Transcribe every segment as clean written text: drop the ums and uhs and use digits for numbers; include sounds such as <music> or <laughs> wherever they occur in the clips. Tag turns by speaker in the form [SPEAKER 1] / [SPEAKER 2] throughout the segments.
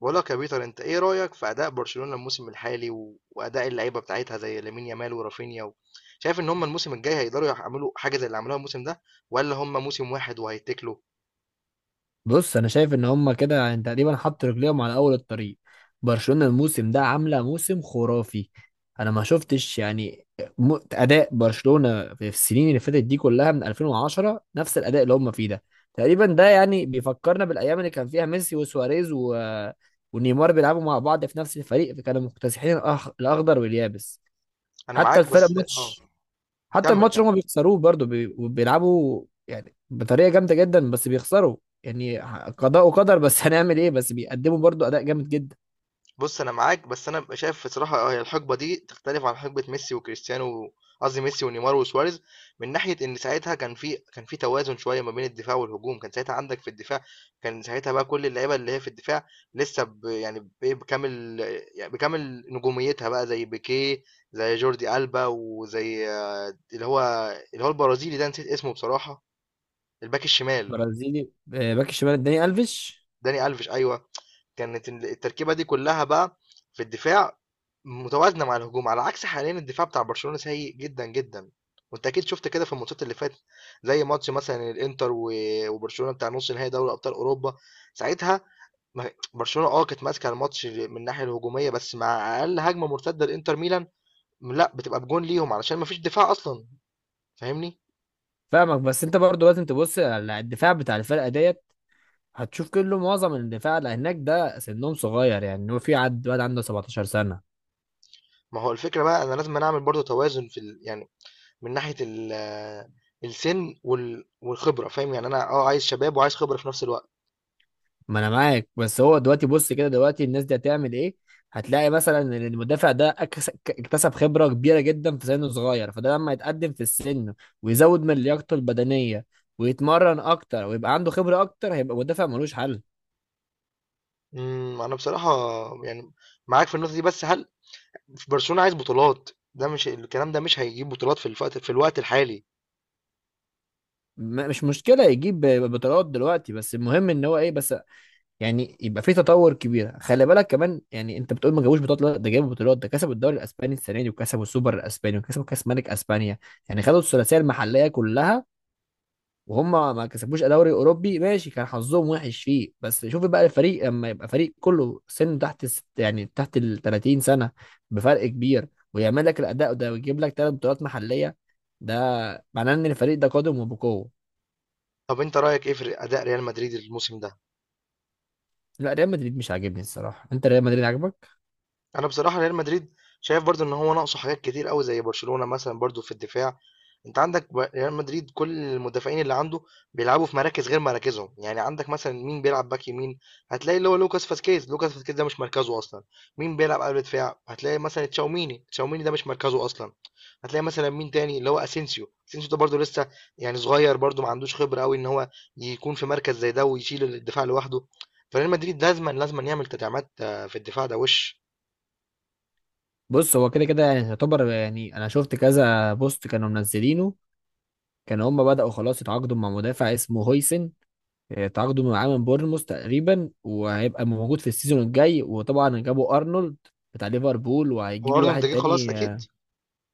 [SPEAKER 1] بقول لك يا بيتر، انت ايه رأيك في اداء برشلونة الموسم الحالي و... واداء اللعيبة بتاعتها زي لامين يامال ورافينيا شايف ان هم الموسم الجاي هيقدروا يعملوا حاجة زي اللي عملوها الموسم ده، ولا هم موسم واحد وهيتكلوا؟
[SPEAKER 2] بص، انا شايف ان هما كده يعني تقريبا حط رجليهم على اول الطريق. برشلونة الموسم ده عاملة موسم خرافي. انا ما شفتش يعني اداء برشلونة في السنين اللي فاتت دي كلها من 2010 نفس الاداء اللي هما فيه ده تقريبا. ده يعني بيفكرنا بالايام اللي كان فيها ميسي وسواريز ونيمار بيلعبوا مع بعض في نفس الفريق، فكانوا مكتسحين الاخضر واليابس.
[SPEAKER 1] انا
[SPEAKER 2] حتى
[SPEAKER 1] معاك
[SPEAKER 2] الفرق
[SPEAKER 1] بس اه
[SPEAKER 2] ماتش، حتى
[SPEAKER 1] كمل
[SPEAKER 2] الماتش اللي
[SPEAKER 1] كمل.
[SPEAKER 2] هما بيخسروه برضه بيلعبوا يعني بطريقه جامده جدا بس بيخسروا. يعني قضاء وقدر بس <laughs> هنعمل ايه؟ بس بيقدموا برضه اداء جامد جدا.
[SPEAKER 1] بُص، أنا معاك، بس أنا بابقى شايف بصراحة، هي الحقبة دي تختلف عن حقبة ميسي وكريستيانو، قصدي ميسي ونيمار وسواريز، من ناحية إن ساعتها كان في توازن شوية ما بين الدفاع والهجوم. كان ساعتها عندك في الدفاع، كان ساعتها بقى كل اللعيبة اللي هي في الدفاع لسه يعني بإيه، بكامل نجوميتها بقى، زي بيكيه، زي جوردي ألبا، وزي اللي هو اللي هو البرازيلي ده، نسيت اسمه بصراحة، الباك الشمال،
[SPEAKER 2] برازيلي آه، باك الشمال الداني الفيش.
[SPEAKER 1] داني ألفيش أيوه. كانت التركيبة دي كلّها بقى في الدفاع متوازنة مع الهجوم، على عكس حاليًا الدفاع بتاع برشلونة سيء جدًا، جدًا، وأنت أكيد شُفت كده في الماتشات اللي فاتت، زي ماتش مثلًا الإنتر وبرشلونة بتاع نُص نهائي دوري أبطال أوروبا. ساعتها ما برشلونة كانت ماسكة الماتش من الناحية الهجومية، بس مع أقل هجمة مرتدة لإنتر ميلان، لأ، بتبقى بجون ليهم علشان ما فيش دفاع أصلًا. فاهمني؟
[SPEAKER 2] فاهمك، بس انت برضه لازم تبص على الدفاع بتاع الفرقه ديت. هتشوف كله، معظم الدفاع اللي هناك ده سنهم صغير، يعني هو في عد واد عنده 17 سنه.
[SPEAKER 1] ما هو الفكرة بقى، أنا لازمًا أعمل برضه توازن في يعني من ناحية السن والخبرة، فاهم يعني؟ انا عايز شباب وعايز خبرة في نفس الوقت.
[SPEAKER 2] ما انا معاك، بس هو دلوقتي بص كده، دلوقتي الناس دي هتعمل ايه؟ هتلاقي مثلا ان المدافع ده اكتسب خبرة كبيرة جدا في سنه صغير، فده لما يتقدم في السن ويزود من لياقته البدنية ويتمرن اكتر ويبقى عنده خبرة اكتر هيبقى مدافع ملوش حل.
[SPEAKER 1] انا بصراحة يعني معاك في النقطة دي، بس هل في برشلونة عايز بطولات؟ ده مش الكلام ده مش هيجيب بطولات في الوقت الحالي.
[SPEAKER 2] مش مشكلة يجيب بطولات دلوقتي، بس المهم ان هو ايه، بس يعني يبقى في تطور كبير. خلي بالك كمان، يعني انت بتقول ما جابوش بطولات، لا، ده جابوا بطولات، ده كسبوا الدوري الاسباني السنة دي وكسبوا السوبر الاسباني وكسبوا كاس ملك اسبانيا، يعني خدوا الثلاثية المحلية كلها. وهم ما كسبوش دوري اوروبي، ماشي، كان حظهم وحش فيه. بس شوف بقى الفريق لما يبقى فريق كله سن تحت يعني تحت ال 30 سنه بفرق كبير، ويعمل لك الاداء ده ويجيب لك ثلاث بطولات محليه، ده معناه ان الفريق ده قادم وبقوه.
[SPEAKER 1] طب انت رأيك ايه في اداء ريال مدريد الموسم ده؟
[SPEAKER 2] لا ريال مدريد مش عاجبني الصراحه، انت ريال مدريد عاجبك؟
[SPEAKER 1] انا بصراحه ريال مدريد شايف برضو ان هو ناقصه حاجات كتير قوي زي برشلونه مثلا، برضو في الدفاع. انت عندك ريال مدريد كل المدافعين اللي عنده بيلعبوا في مراكز غير مراكزهم، يعني عندك مثلا مين بيلعب باك يمين؟ هتلاقي اللي هو لوكاس فاسكيز، لوكاس فاسكيز ده مش مركزه اصلا. مين بيلعب قلب دفاع؟ هتلاقي مثلا تشاوميني، تشاوميني ده مش مركزه اصلا. هتلاقي مثلا مين تاني، اللي هو اسينسيو، اسينسيو ده برضو لسه يعني صغير، برضو ما عندوش خبره قوي ان هو يكون في مركز زي ده ويشيل الدفاع لوحده. فريال مدريد لازما لازما يعمل تدعيمات، في الدفاع ده وش.
[SPEAKER 2] بص، هو كده كده يعني يعتبر، يعني انا شفت كذا بوست كانوا منزلينه. كانوا هم بداوا خلاص يتعاقدوا مع مدافع اسمه هويسن، آه، تعاقدوا معاه من بورنموث تقريبا وهيبقى موجود في السيزون الجاي. وطبعا جابوا ارنولد بتاع ليفربول،
[SPEAKER 1] هو
[SPEAKER 2] وهيجيبوا
[SPEAKER 1] ارنولد
[SPEAKER 2] واحد
[SPEAKER 1] جه خلاص
[SPEAKER 2] تاني
[SPEAKER 1] اكيد؟
[SPEAKER 2] اه.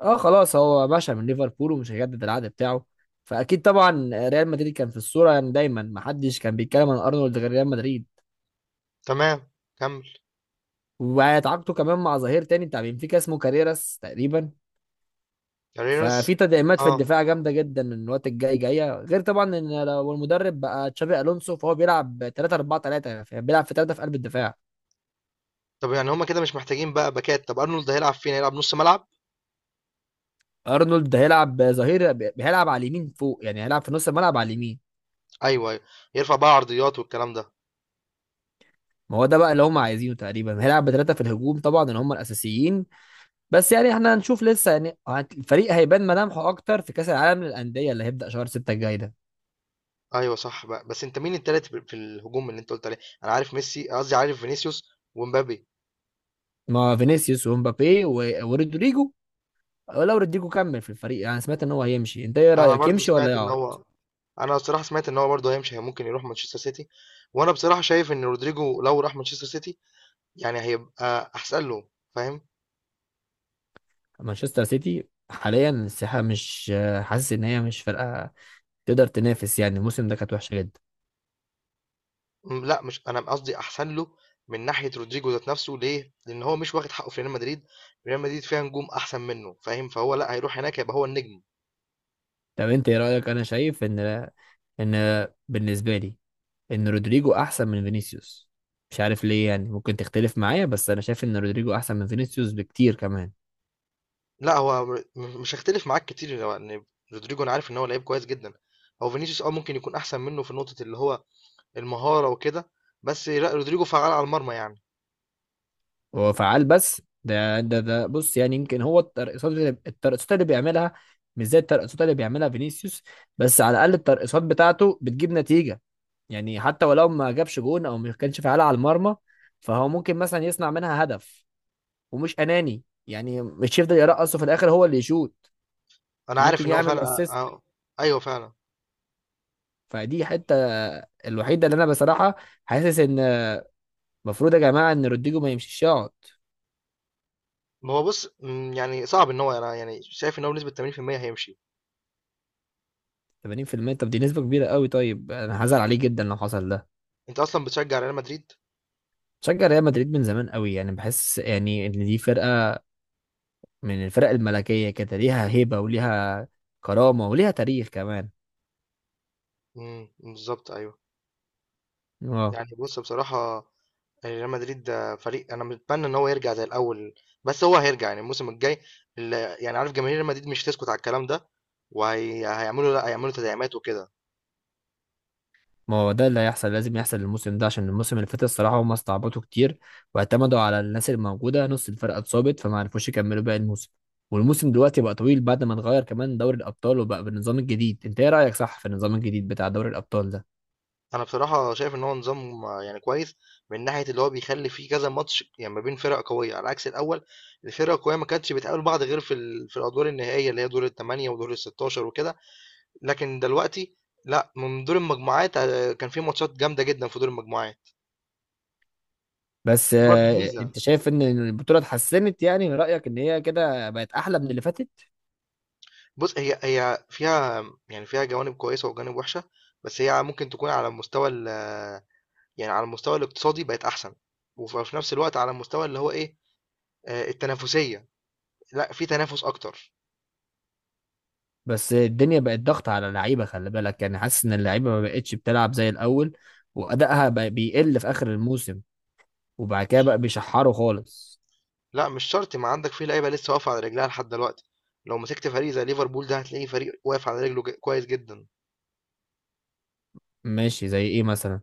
[SPEAKER 2] آه، خلاص، هو باشا من ليفربول ومش هيجدد العقد بتاعه، فاكيد طبعا ريال مدريد كان في الصوره. يعني دايما محدش كان بيتكلم عن ارنولد غير ريال مدريد.
[SPEAKER 1] تمام، كمل.
[SPEAKER 2] وهيتعاقدوا كمان مع ظهير تاني بتاع بنفيكا اسمه كاريراس تقريبا.
[SPEAKER 1] كاريرس.
[SPEAKER 2] ففي تدعيمات في
[SPEAKER 1] اه
[SPEAKER 2] الدفاع جامده جدا الوقت الجاي جايه، غير طبعا ان لو المدرب بقى تشابي الونسو فهو بيلعب 3 4 3، بيلعب في 3 في قلب الدفاع.
[SPEAKER 1] طب يعني هما كده مش محتاجين بقى باكات؟ طب ارنولد هيلعب فين؟ هيلعب نص ملعب؟
[SPEAKER 2] ارنولد ده هيلعب ظهير، هيلعب على اليمين فوق، يعني هيلعب في نص الملعب على اليمين.
[SPEAKER 1] ايوه، ايوه، يرفع بقى عرضيات والكلام ده.
[SPEAKER 2] ما هو ده بقى اللي هم عايزينه، تقريبا هيلعب بثلاثه في الهجوم طبعا اللي هم الاساسيين. بس يعني احنا هنشوف لسه، يعني الفريق هيبان ملامحه اكتر في كاس العالم للانديه اللي هيبدا شهر 6 الجاي ده.
[SPEAKER 1] ايوه صح بقى، بس انت مين التالت في الهجوم اللي انت قلت عليه؟ انا عارف ميسي، قصدي عارف فينيسيوس ومبابي.
[SPEAKER 2] مع فينيسيوس ومبابي ورودريجو، لو رودريجو كمل في الفريق. يعني سمعت ان هو هيمشي، انت ايه
[SPEAKER 1] انا
[SPEAKER 2] رايك،
[SPEAKER 1] برضو
[SPEAKER 2] يمشي ولا
[SPEAKER 1] سمعت ان
[SPEAKER 2] يقعد؟
[SPEAKER 1] هو انا بصراحه سمعت ان هو برضو هيمشي، ممكن يروح مانشستر سيتي. وانا بصراحه شايف ان رودريجو لو راح مانشستر سيتي يعني هيبقى احسن له، فاهم؟
[SPEAKER 2] مانشستر سيتي حاليا الساحه مش حاسس ان هي مش فرقه تقدر تنافس، يعني الموسم ده كانت وحشه جدا.
[SPEAKER 1] لأ، مش أنا قصدي أحسن له من ناحية رودريجو ذات نَفْسه، ليه؟ لإن هو مش واخد حقّه في ريال مدريد، ريال مدريد فيها نجوم أحسن منّه، فاهم؟ فهو لأ، هيروح هناك هيبقى هو النجم.
[SPEAKER 2] طب انت ايه رايك؟ انا شايف ان بالنسبه لي ان رودريجو احسن من فينيسيوس. مش عارف ليه، يعني ممكن تختلف معايا، بس انا شايف ان رودريجو احسن من فينيسيوس بكتير كمان.
[SPEAKER 1] لأ، هو مش هاختلف معاك كتير، هو إن رودريجو أنا عارف إن هو لعيب كويس جدًا، هو فينيسيوس ممكن يكون أحسن منّه في نقطة اللي هو المهارة وكده، بس لأ، رودريجو فعّال على المرمى يعني.
[SPEAKER 2] هو فعال، بس ده بص، يعني يمكن هو الترقصات اللي اللي بيعملها مش زي الترقصات اللي بيعملها فينيسيوس، بس على الاقل الترقصات بتاعته بتجيب نتيجه. يعني حتى ولو ما جابش جون او ما كانش فعال على المرمى فهو ممكن مثلا يصنع منها هدف، ومش اناني، يعني مش يفضل يرقص وفي الاخر هو اللي يشوط.
[SPEAKER 1] أنا عارف
[SPEAKER 2] ممكن
[SPEAKER 1] إن هو
[SPEAKER 2] يعمل
[SPEAKER 1] فعلًا
[SPEAKER 2] اسيست.
[SPEAKER 1] أ أ أيوه فعلًا.
[SPEAKER 2] فدي حته الوحيده اللي انا بصراحه حاسس ان المفروض يا جماعه ان رودريجو ما يمشيش، يقعد.
[SPEAKER 1] ما هو بُص، يعني صعب، إن هو أنا يعني شايف إن هو بنسبة 80% هيمشي.
[SPEAKER 2] 80% طب دي نسبه كبيره قوي، طيب انا هزعل عليه جدا لو حصل ده.
[SPEAKER 1] أنت أصلًا بتشجّع ريال مدريد؟
[SPEAKER 2] شجع ريال مدريد من زمان قوي، يعني بحس يعني ان دي فرقه من الفرق الملكيه كده، ليها هيبه وليها كرامه وليها تاريخ كمان.
[SPEAKER 1] بالضبط، أيوه.
[SPEAKER 2] اه.
[SPEAKER 1] يعني بص بصراحة، يعني ريال مدريد ده فريق أنا متمنى إن هو يرجع زي الأول، بس هو هيرجع يعني الموسم الجاي، ال- يعني عارف جماهير ريال مدريد مش هتسكت على الكلام ده، وهيعملوا لا هيعملوا تدعيمات وكده.
[SPEAKER 2] ما هو ده اللي هيحصل لازم يحصل الموسم ده، عشان الموسم اللي فات الصراحة هم استعبطوا كتير واعتمدوا على الناس الموجودة. نص الفرقة اتصابت فما عرفوش يكملوا باقي الموسم. والموسم دلوقتي بقى طويل بعد ما اتغير كمان دوري الأبطال وبقى بالنظام الجديد. انت ايه رأيك، صح في النظام الجديد بتاع دوري الأبطال ده؟
[SPEAKER 1] أنا بصراحة شايف إن هو نظام، يعني كويس، من ناحية اللي هو بيخلي فيه كذا ماتش يعني ما بين فرق قوية، على عكس الأول الفرق القوية ما كانتش بتقابل بعض غير في في الأدوار النهائية اللي هي دور الثمانية ودور الستاشر وكده. لكن دلوقتي لا، من دور المجموعات، كان في ماتشات جامدة جدا في دور المجموعات.
[SPEAKER 2] بس
[SPEAKER 1] دي برضه
[SPEAKER 2] آه،
[SPEAKER 1] ميزة.
[SPEAKER 2] انت شايف ان البطولة اتحسنت؟ يعني من رأيك ان هي كده بقت احلى من اللي فاتت؟
[SPEAKER 1] بُص، هي فيها، يعني فيها جوانب كويسة وجوانب وِحشة، بس هي ممكن تكون على المستوى يعني على المستوى الاقتصادي بقت أحسن، وفي نفس الوقت على المستوى اللي هو إيه، التنافسية، لأ في تنافس أكتر.
[SPEAKER 2] بس الدنيا بقت ضغط على اللعيبة، خلي بالك، يعني حاسس ان اللعيبة ما بقتش بتلعب زي الأول، وأدائها بقى بيقل في آخر الموسم، وبعد كده بقى
[SPEAKER 1] مش
[SPEAKER 2] بيشحروا خالص.
[SPEAKER 1] لأ، مش شرط، ما عندك في لعيبة لسه واقفة على رجلها لحد دلوقتي، لو مسكت فريق زي ليفربول ده هتلاقيه فريق واقف على رجله كويس جدًا.
[SPEAKER 2] ماشي، زي ايه مثلا؟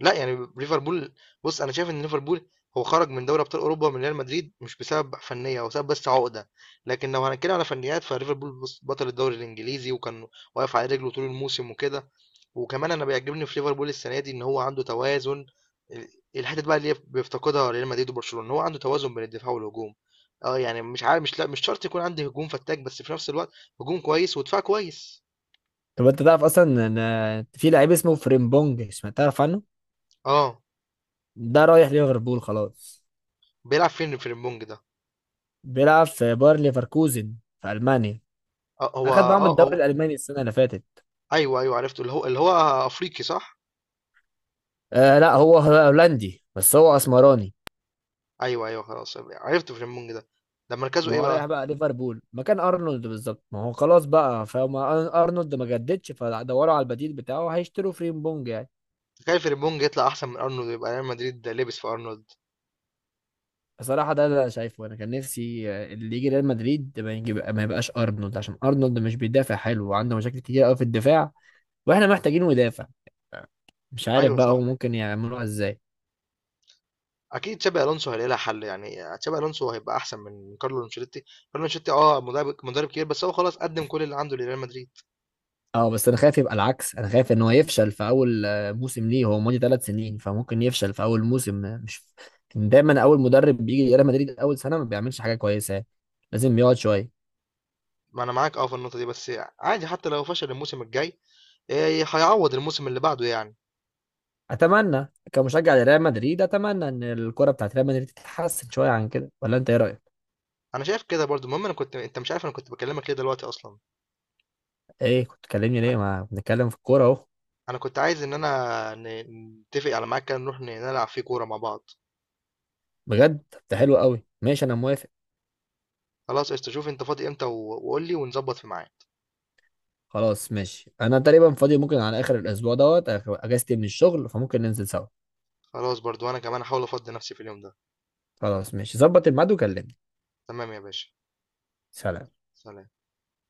[SPEAKER 1] لا يعني ليفربول، بص انا شايف ان ليفربول هو خرج من دوري ابطال اوروبا من ريال مدريد مش بسبب فنيه، هو سبب بس عقده. لكن لو هنتكلم على فنيات فليفربول، بص، بطل الدوري الانجليزي، وكان واقف على رجله طول الموسم وكده. وكمان انا بيعجبني في ليفربول السنه دي ان هو عنده توازن، ال- الحته بقى اللي بيفتقدها ريال مدريد وبرشلونه ان هو عنده توازن بين الدفاع والهجوم. اه يعني مش عارف، مش لا، مش شرط يكون عندي هجوم فتاك، بس في نفس الوقت هجوم كويس ودفاع كويس.
[SPEAKER 2] طب انت تعرف اصلا ان في لعيب اسمه فريمبونج؟ سمعت، تعرف عنه؟
[SPEAKER 1] اه
[SPEAKER 2] ده رايح ليفربول خلاص.
[SPEAKER 1] بيلعب فين في البونج ده؟
[SPEAKER 2] بيلعب في باير ليفركوزن في المانيا.
[SPEAKER 1] اه هو
[SPEAKER 2] اخد معاهم
[SPEAKER 1] اه
[SPEAKER 2] الدوري
[SPEAKER 1] هو
[SPEAKER 2] الالماني السنه اللي فاتت.
[SPEAKER 1] أيوه، أيوه عرفته، اللي هو أفريقي صح؟
[SPEAKER 2] آه لا، هو هولندي بس هو اسمراني.
[SPEAKER 1] أيوه، أيوه، خلاص عرفت فريمبونج ده، ده مركزه
[SPEAKER 2] ما
[SPEAKER 1] إيه
[SPEAKER 2] هو
[SPEAKER 1] بقى؟
[SPEAKER 2] رايح بقى ليفربول مكان ارنولد بالظبط، ما هو خلاص بقى، فما ارنولد ما جددش فدوروا على البديل بتاعه، هيشتروا فريمبونج يعني.
[SPEAKER 1] تخيل فريمبونج يطلع أحسن من أرنولد، ويبقى ريال مدريد لبس في أرنولد.
[SPEAKER 2] بصراحة ده اللي أنا شايفه، أنا كان نفسي آه، اللي يجي ريال مدريد ما يجيب، ما يبقاش أرنولد، عشان أرنولد مش بيدافع حلو وعنده مشاكل كتير أوي في الدفاع وإحنا محتاجينه يدافع. مش عارف
[SPEAKER 1] أيوه
[SPEAKER 2] بقى هو
[SPEAKER 1] صح،
[SPEAKER 2] ممكن يعملوها إزاي.
[SPEAKER 1] أكيد تشابي ألونسو هيلاقي لها حل، يعني تشابي ألونسو هيبقى أحسن من كارلو أنشيلوتي، كارلو أنشيلوتي مدرب مدرب كبير، بس هو خلاص قدم كل اللي عنده لريال مدريد.
[SPEAKER 2] أه بس أنا خايف يبقى العكس، أنا خايف إن هو يفشل في أول آه، موسم ليه. هو ماضي ثلاث سنين فممكن يفشل في أول موسم آه، مش دايما. أول مدرب بيجي ريال مدريد أول سنة ما بيعملش حاجة كويسة، لازم يقعد شوية.
[SPEAKER 1] ما أنا معاك في النقطة دي، بس عادي، حتى لو فشل الموسم الجاي إيه، هيعوض الموسم اللي بعده يعني.
[SPEAKER 2] أتمنى كمشجع لريال مدريد، أتمنى إن الكرة بتاعت ريال مدريد تتحسن شوية عن كده، ولا أنت إيه رأيك؟
[SPEAKER 1] أنا شايف كده برضو. المهم، أنا كنت أنت مش عارف أنا كنت بكلمك ليه دلوقتي أصلا.
[SPEAKER 2] ايه، كنت تكلمني ليه؟ ما بنتكلم في الكوره اهو.
[SPEAKER 1] انا كنت عايز ان انا نتفق على ميعاد كده نروح نلعب فيه كوره مع بعض.
[SPEAKER 2] بجد؟ طب ده حلو قوي، ماشي انا موافق.
[SPEAKER 1] خلاص قشطة، شوف انت فاضي امتى و- وقول لي ونظبط في ميعاد.
[SPEAKER 2] خلاص ماشي، انا تقريبا فاضي، ممكن على اخر الاسبوع دوت اجازتي من الشغل فممكن ننزل سوا.
[SPEAKER 1] خلاص برضو انا كمان هحاول افضي نفسي في اليوم ده.
[SPEAKER 2] خلاص ماشي، ظبط الميعاد وكلمني.
[SPEAKER 1] تمام يا باشا.
[SPEAKER 2] سلام.
[SPEAKER 1] سلام.